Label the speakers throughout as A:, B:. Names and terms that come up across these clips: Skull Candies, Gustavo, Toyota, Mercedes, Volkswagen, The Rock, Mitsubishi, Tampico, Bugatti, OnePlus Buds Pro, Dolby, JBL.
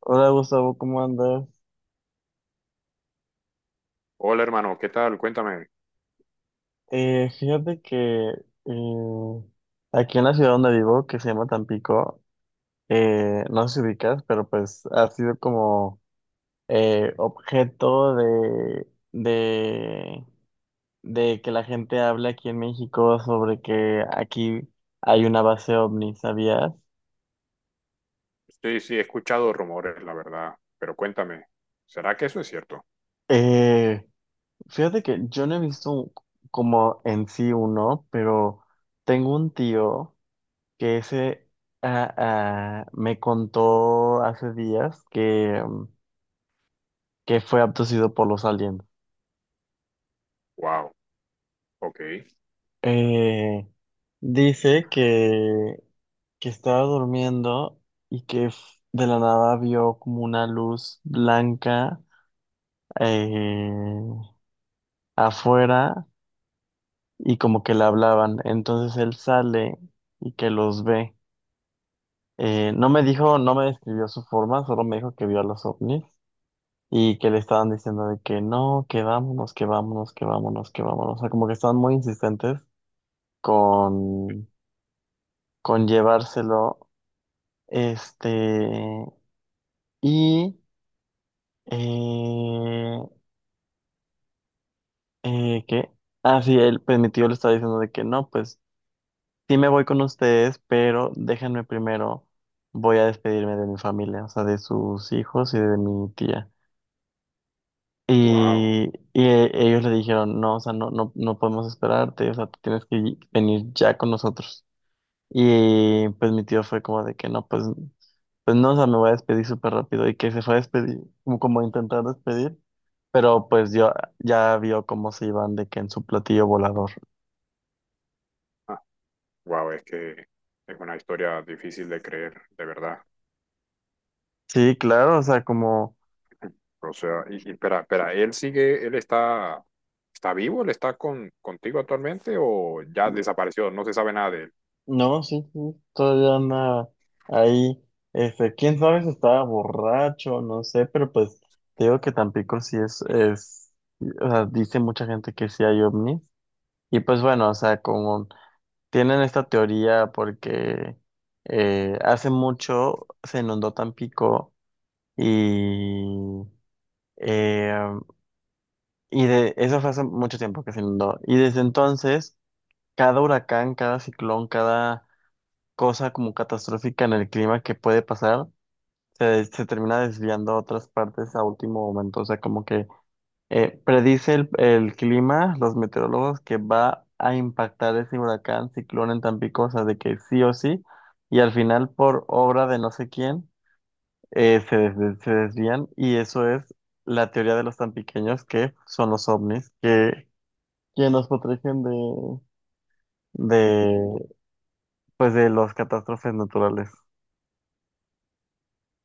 A: Hola Gustavo, ¿cómo andas?
B: Hola hermano, ¿qué tal? Cuéntame.
A: Fíjate que eh, aquí en la ciudad donde vivo, que se llama Tampico, no sé si ubicas, pero pues ha sido como objeto de, de que la gente hable aquí en México sobre que aquí hay una base ovni, ¿sabías?
B: Sí, sí, he escuchado rumores, la verdad, pero cuéntame, ¿será que eso es cierto?
A: Eh, Fíjate que yo no he visto como en sí uno, pero tengo un tío que ese me contó hace días que, que fue abducido por los aliens.
B: Wow, ok,
A: Eh, dice que estaba durmiendo y que de la nada vio como una luz blanca eh, afuera y como que le hablaban. Entonces él sale y que los ve. No me dijo, no me describió su forma, solo me dijo que vio a los ovnis y que le estaban diciendo de que no, que vámonos, que vámonos, que vámonos, que vámonos. O sea, como que estaban muy insistentes con, con llevárselo. Este, y, eh, ¿qué? Ah, sí, él, pues mi tío le estaba diciendo de que no, pues sí me voy con ustedes, pero déjenme primero, voy a despedirme de mi familia, o sea, de sus hijos y de mi tía.
B: wow,
A: Y ellos le dijeron, no, o sea, no, no, no podemos esperarte, o sea, tú tienes que venir ya con nosotros. Y pues mi tío fue como de que no, pues, pues no, o sea, me voy a despedir súper rápido. Y que se fue a despedir, como, como a intentar despedir, pero pues yo ya vio cómo se iban de que en su platillo volador.
B: ah, wow, es que es una historia difícil de creer, de verdad.
A: Sí, claro, o sea, como...
B: O sea, y espera, ¿él sigue, él está, está vivo? ¿Él está con, contigo actualmente o ya desapareció? No se sabe nada de él.
A: No, sí, sí, todavía anda ahí. Este, quién sabe si estaba borracho, no sé, pero pues te digo que Tampico sí es, o sea, dice mucha gente que sí hay ovnis. Y pues bueno, o sea, como tienen esta teoría porque hace mucho se inundó Tampico y, eh, y de, eso fue hace mucho tiempo que se inundó. Y desde entonces, cada huracán, cada ciclón, cada cosa como catastrófica en el clima que puede pasar, se termina desviando a otras partes a último momento. O sea, como que predice el clima, los meteorólogos, que va a impactar ese huracán, ciclón en Tampico, o sea, de que sí o sí, y al final, por obra de no sé quién, se desvían, y eso es la teoría de los tampiqueños, que son los ovnis, que nos protegen de, pues, de las catástrofes naturales.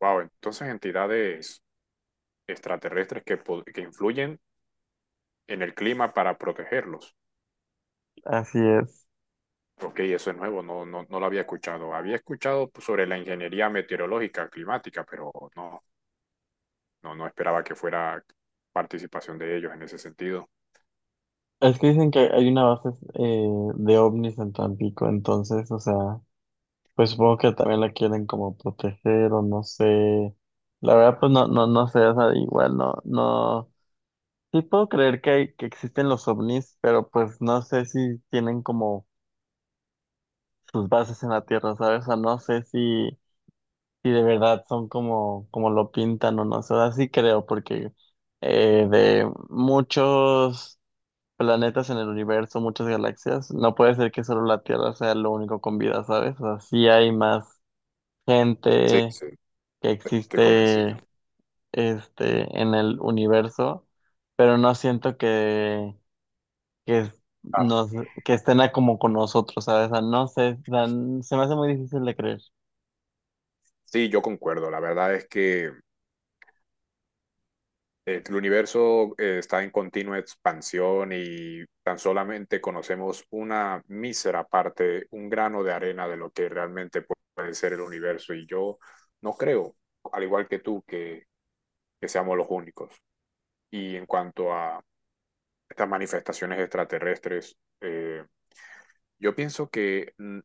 B: Wow, entonces entidades extraterrestres que, que influyen en el clima para protegerlos.
A: Así es.
B: Ok, eso es nuevo, no, no, no lo había escuchado. Había escuchado pues, sobre la ingeniería meteorológica climática, pero no, no, no esperaba que fuera participación de ellos en ese sentido.
A: Es que dicen que hay una base de ovnis en Tampico, entonces, o sea, pues supongo que también la quieren como proteger o no sé. La verdad, pues no, no, no sé, o sea, igual no, no. Sí puedo creer que existen los ovnis, pero pues no sé si tienen como sus bases en la Tierra, ¿sabes? O sea, no sé si, si de verdad son como, como lo pintan o no sé, o sea, sí creo, porque de muchos planetas en el universo, muchas galaxias. No puede ser que solo la Tierra sea lo único con vida, ¿sabes? O sea, sí hay más
B: Sí,
A: gente
B: sí.
A: que
B: Estoy convencido.
A: existe este, en el universo, pero no siento que
B: Ah,
A: nos, que estén a como con nosotros, ¿sabes? O sea, no sé, o sea, se me hace muy difícil de creer.
B: sí, yo concuerdo. La verdad es que el universo está en continua expansión y tan solamente conocemos una mísera parte, un grano de arena de lo que realmente puede ser el universo. Y yo no creo, al igual que tú, que seamos los únicos. Y en cuanto a estas manifestaciones extraterrestres, yo pienso que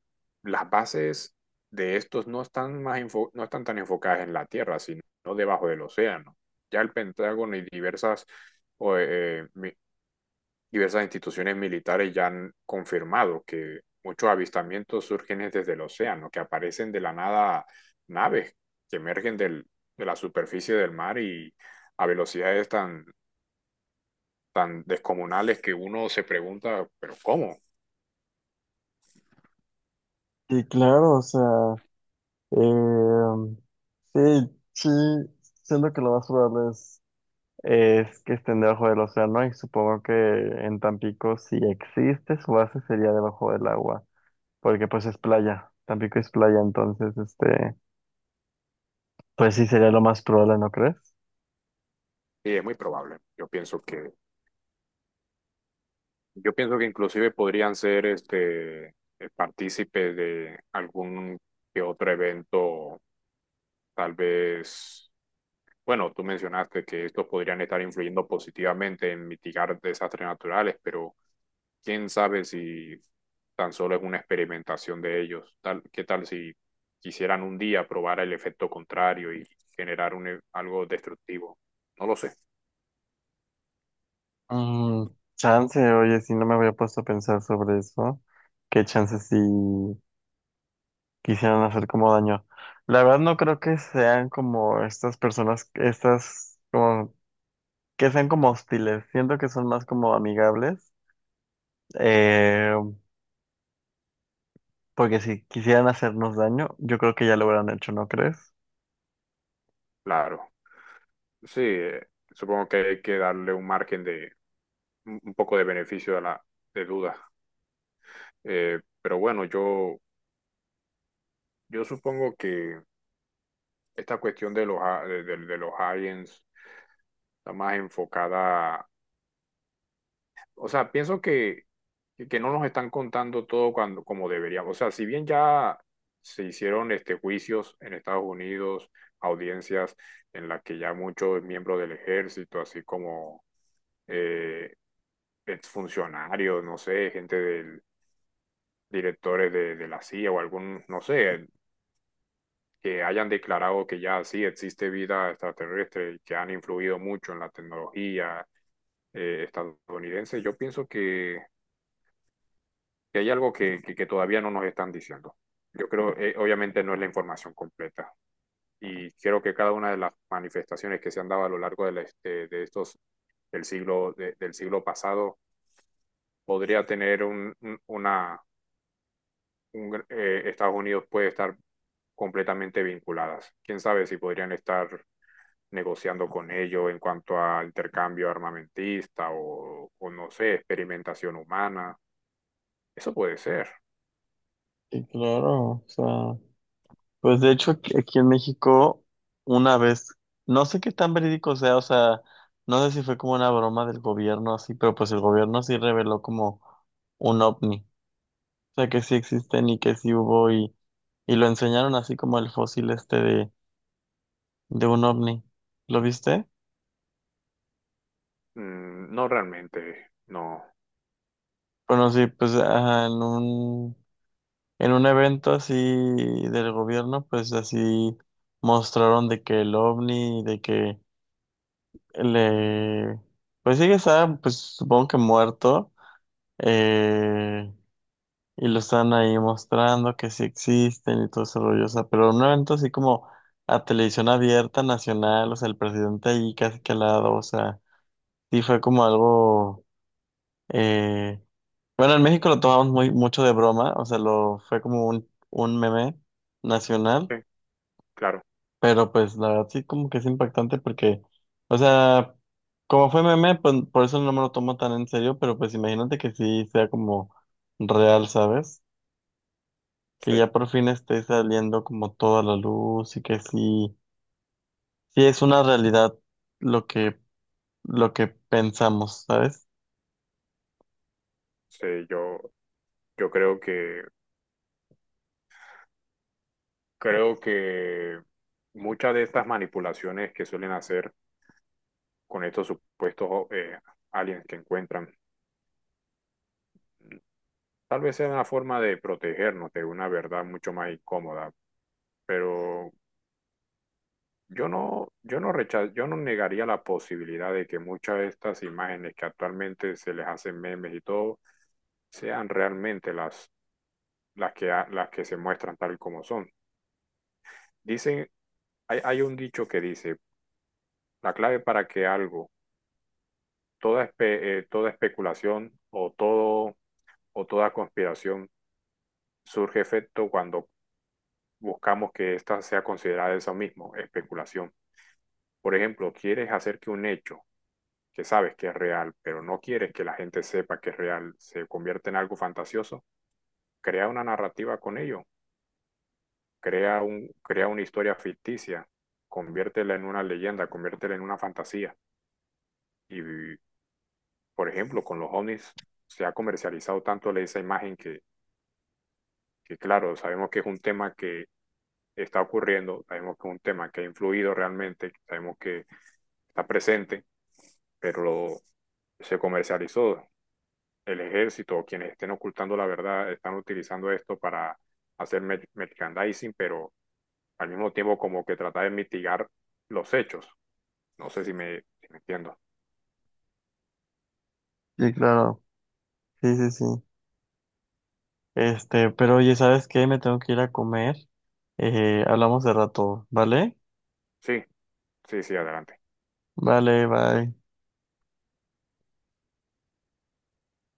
B: las bases de estos no están no están tan enfocadas en la Tierra, sino debajo del océano. Ya el Pentágono y diversas, o, eh, mi- diversas instituciones militares ya han confirmado que muchos avistamientos surgen desde el océano, que aparecen de la nada naves que emergen de la superficie del mar y a velocidades tan descomunales que uno se pregunta, pero ¿cómo?
A: Y claro, o sea, eh, sí, sí, siento que lo más probable es. Es que estén debajo del océano y supongo que en Tampico si existe su base sería debajo del agua, porque pues es playa, Tampico es playa, entonces este, pues sí sería lo más probable, ¿no crees?
B: Y es muy probable. Yo pienso que inclusive podrían ser este partícipes de algún que otro evento, tal vez. Bueno, tú mencionaste que estos podrían estar influyendo positivamente en mitigar desastres naturales, pero quién sabe si tan solo es una experimentación de ellos. ¿Qué tal si quisieran un día probar el efecto contrario y generar algo destructivo? No lo sé.
A: Mm, chance, oye, si no me había puesto a pensar sobre eso, qué chance si quisieran hacer como daño. La verdad no creo que sean como estas personas, estas como que sean como hostiles, siento que son más como amigables. Eh, Porque si quisieran hacernos daño, yo creo que ya lo hubieran hecho, ¿no crees?
B: Claro, sí, supongo que hay que darle un margen de un poco de beneficio de la de duda. Pero bueno, yo supongo que esta cuestión de de los aliens está más enfocada, o sea, que no nos están contando todo cuando, como deberíamos. O sea, si bien ya se hicieron este, juicios en Estados Unidos, audiencias en las que ya muchos miembros del ejército, así como eh, exfuncionarios, no sé, gente del directores de la CIA o algún, no sé, que hayan declarado que ya sí existe vida extraterrestre y que han influido mucho en la tecnología estadounidense, yo pienso que hay algo que todavía no nos están diciendo. Yo creo, obviamente no es la información completa y creo que cada una de las manifestaciones que se han dado a lo largo de estos del siglo pasado podría tener una Estados Unidos puede estar completamente vinculadas. Quién sabe si podrían estar negociando con ellos en cuanto a intercambio armamentista no sé, experimentación humana. Eso puede ser.
A: Y claro, o sea, pues de hecho aquí en México una vez, no sé qué tan verídico sea, o sea, no sé si fue como una broma del gobierno así, pero pues el gobierno sí reveló como un ovni, o sea que sí existen y que sí hubo y lo enseñaron así como el fósil este de un ovni, ¿lo viste?
B: Mm, no realmente, no.
A: Bueno, sí, pues ajá, en un evento así del gobierno, pues así mostraron de que el ovni, de que le, pues sí que está, pues supongo que muerto, eh, y lo están ahí mostrando que sí existen y todo ese rollo, o sea, pero en un evento así como a televisión abierta nacional, o sea, el presidente ahí casi que al lado, o sea, sí fue como algo, eh, bueno, en México lo tomamos muy, mucho de broma, o sea, lo, fue como un meme nacional.
B: Eh, claro,
A: Pero pues la verdad sí como que es impactante porque, o sea, como fue meme, pues, por eso no me lo tomo tan en serio, pero pues imagínate que sí sea como real, ¿sabes? Que
B: sí,
A: ya por fin esté saliendo como toda la luz y que sí, sí es una realidad lo que, lo que pensamos, ¿sabes?
B: sí, yo creo que, creo que muchas de estas manipulaciones que suelen hacer con estos supuestos aliens que encuentran, tal vez sea una forma de protegernos de una verdad mucho más incómoda, pero yo no negaría la posibilidad de que muchas de estas imágenes que actualmente se les hacen memes y todo, sean realmente las que se muestran tal como son. Dicen, hay un dicho que dice, la clave para que algo, toda especulación o toda conspiración surge efecto cuando buscamos que ésta sea considerada eso mismo, especulación. Por ejemplo, quieres hacer que un hecho que sabes que es real, pero no quieres que la gente sepa que es real, se convierta en algo fantasioso, crea una narrativa con ello, crea una historia ficticia, conviértela en una leyenda, conviértela en una fantasía. Y por ejemplo, con los ovnis se ha comercializado tanto esa imagen que, claro, sabemos que es un tema que está ocurriendo, sabemos que es un tema que ha influido realmente, sabemos que está presente, pero lo, se comercializó. El ejército o quienes estén ocultando la verdad están utilizando esto para hacer merchandising, pero al mismo tiempo como que tratar de mitigar los hechos. No sé si me entiendo.
A: Sí, claro, sí, sí, sí. Este, pero oye, ¿sabes qué? Me tengo que ir a comer. Hablamos de rato, ¿vale?
B: Sí, sí, sí, adelante.
A: Vale, bye.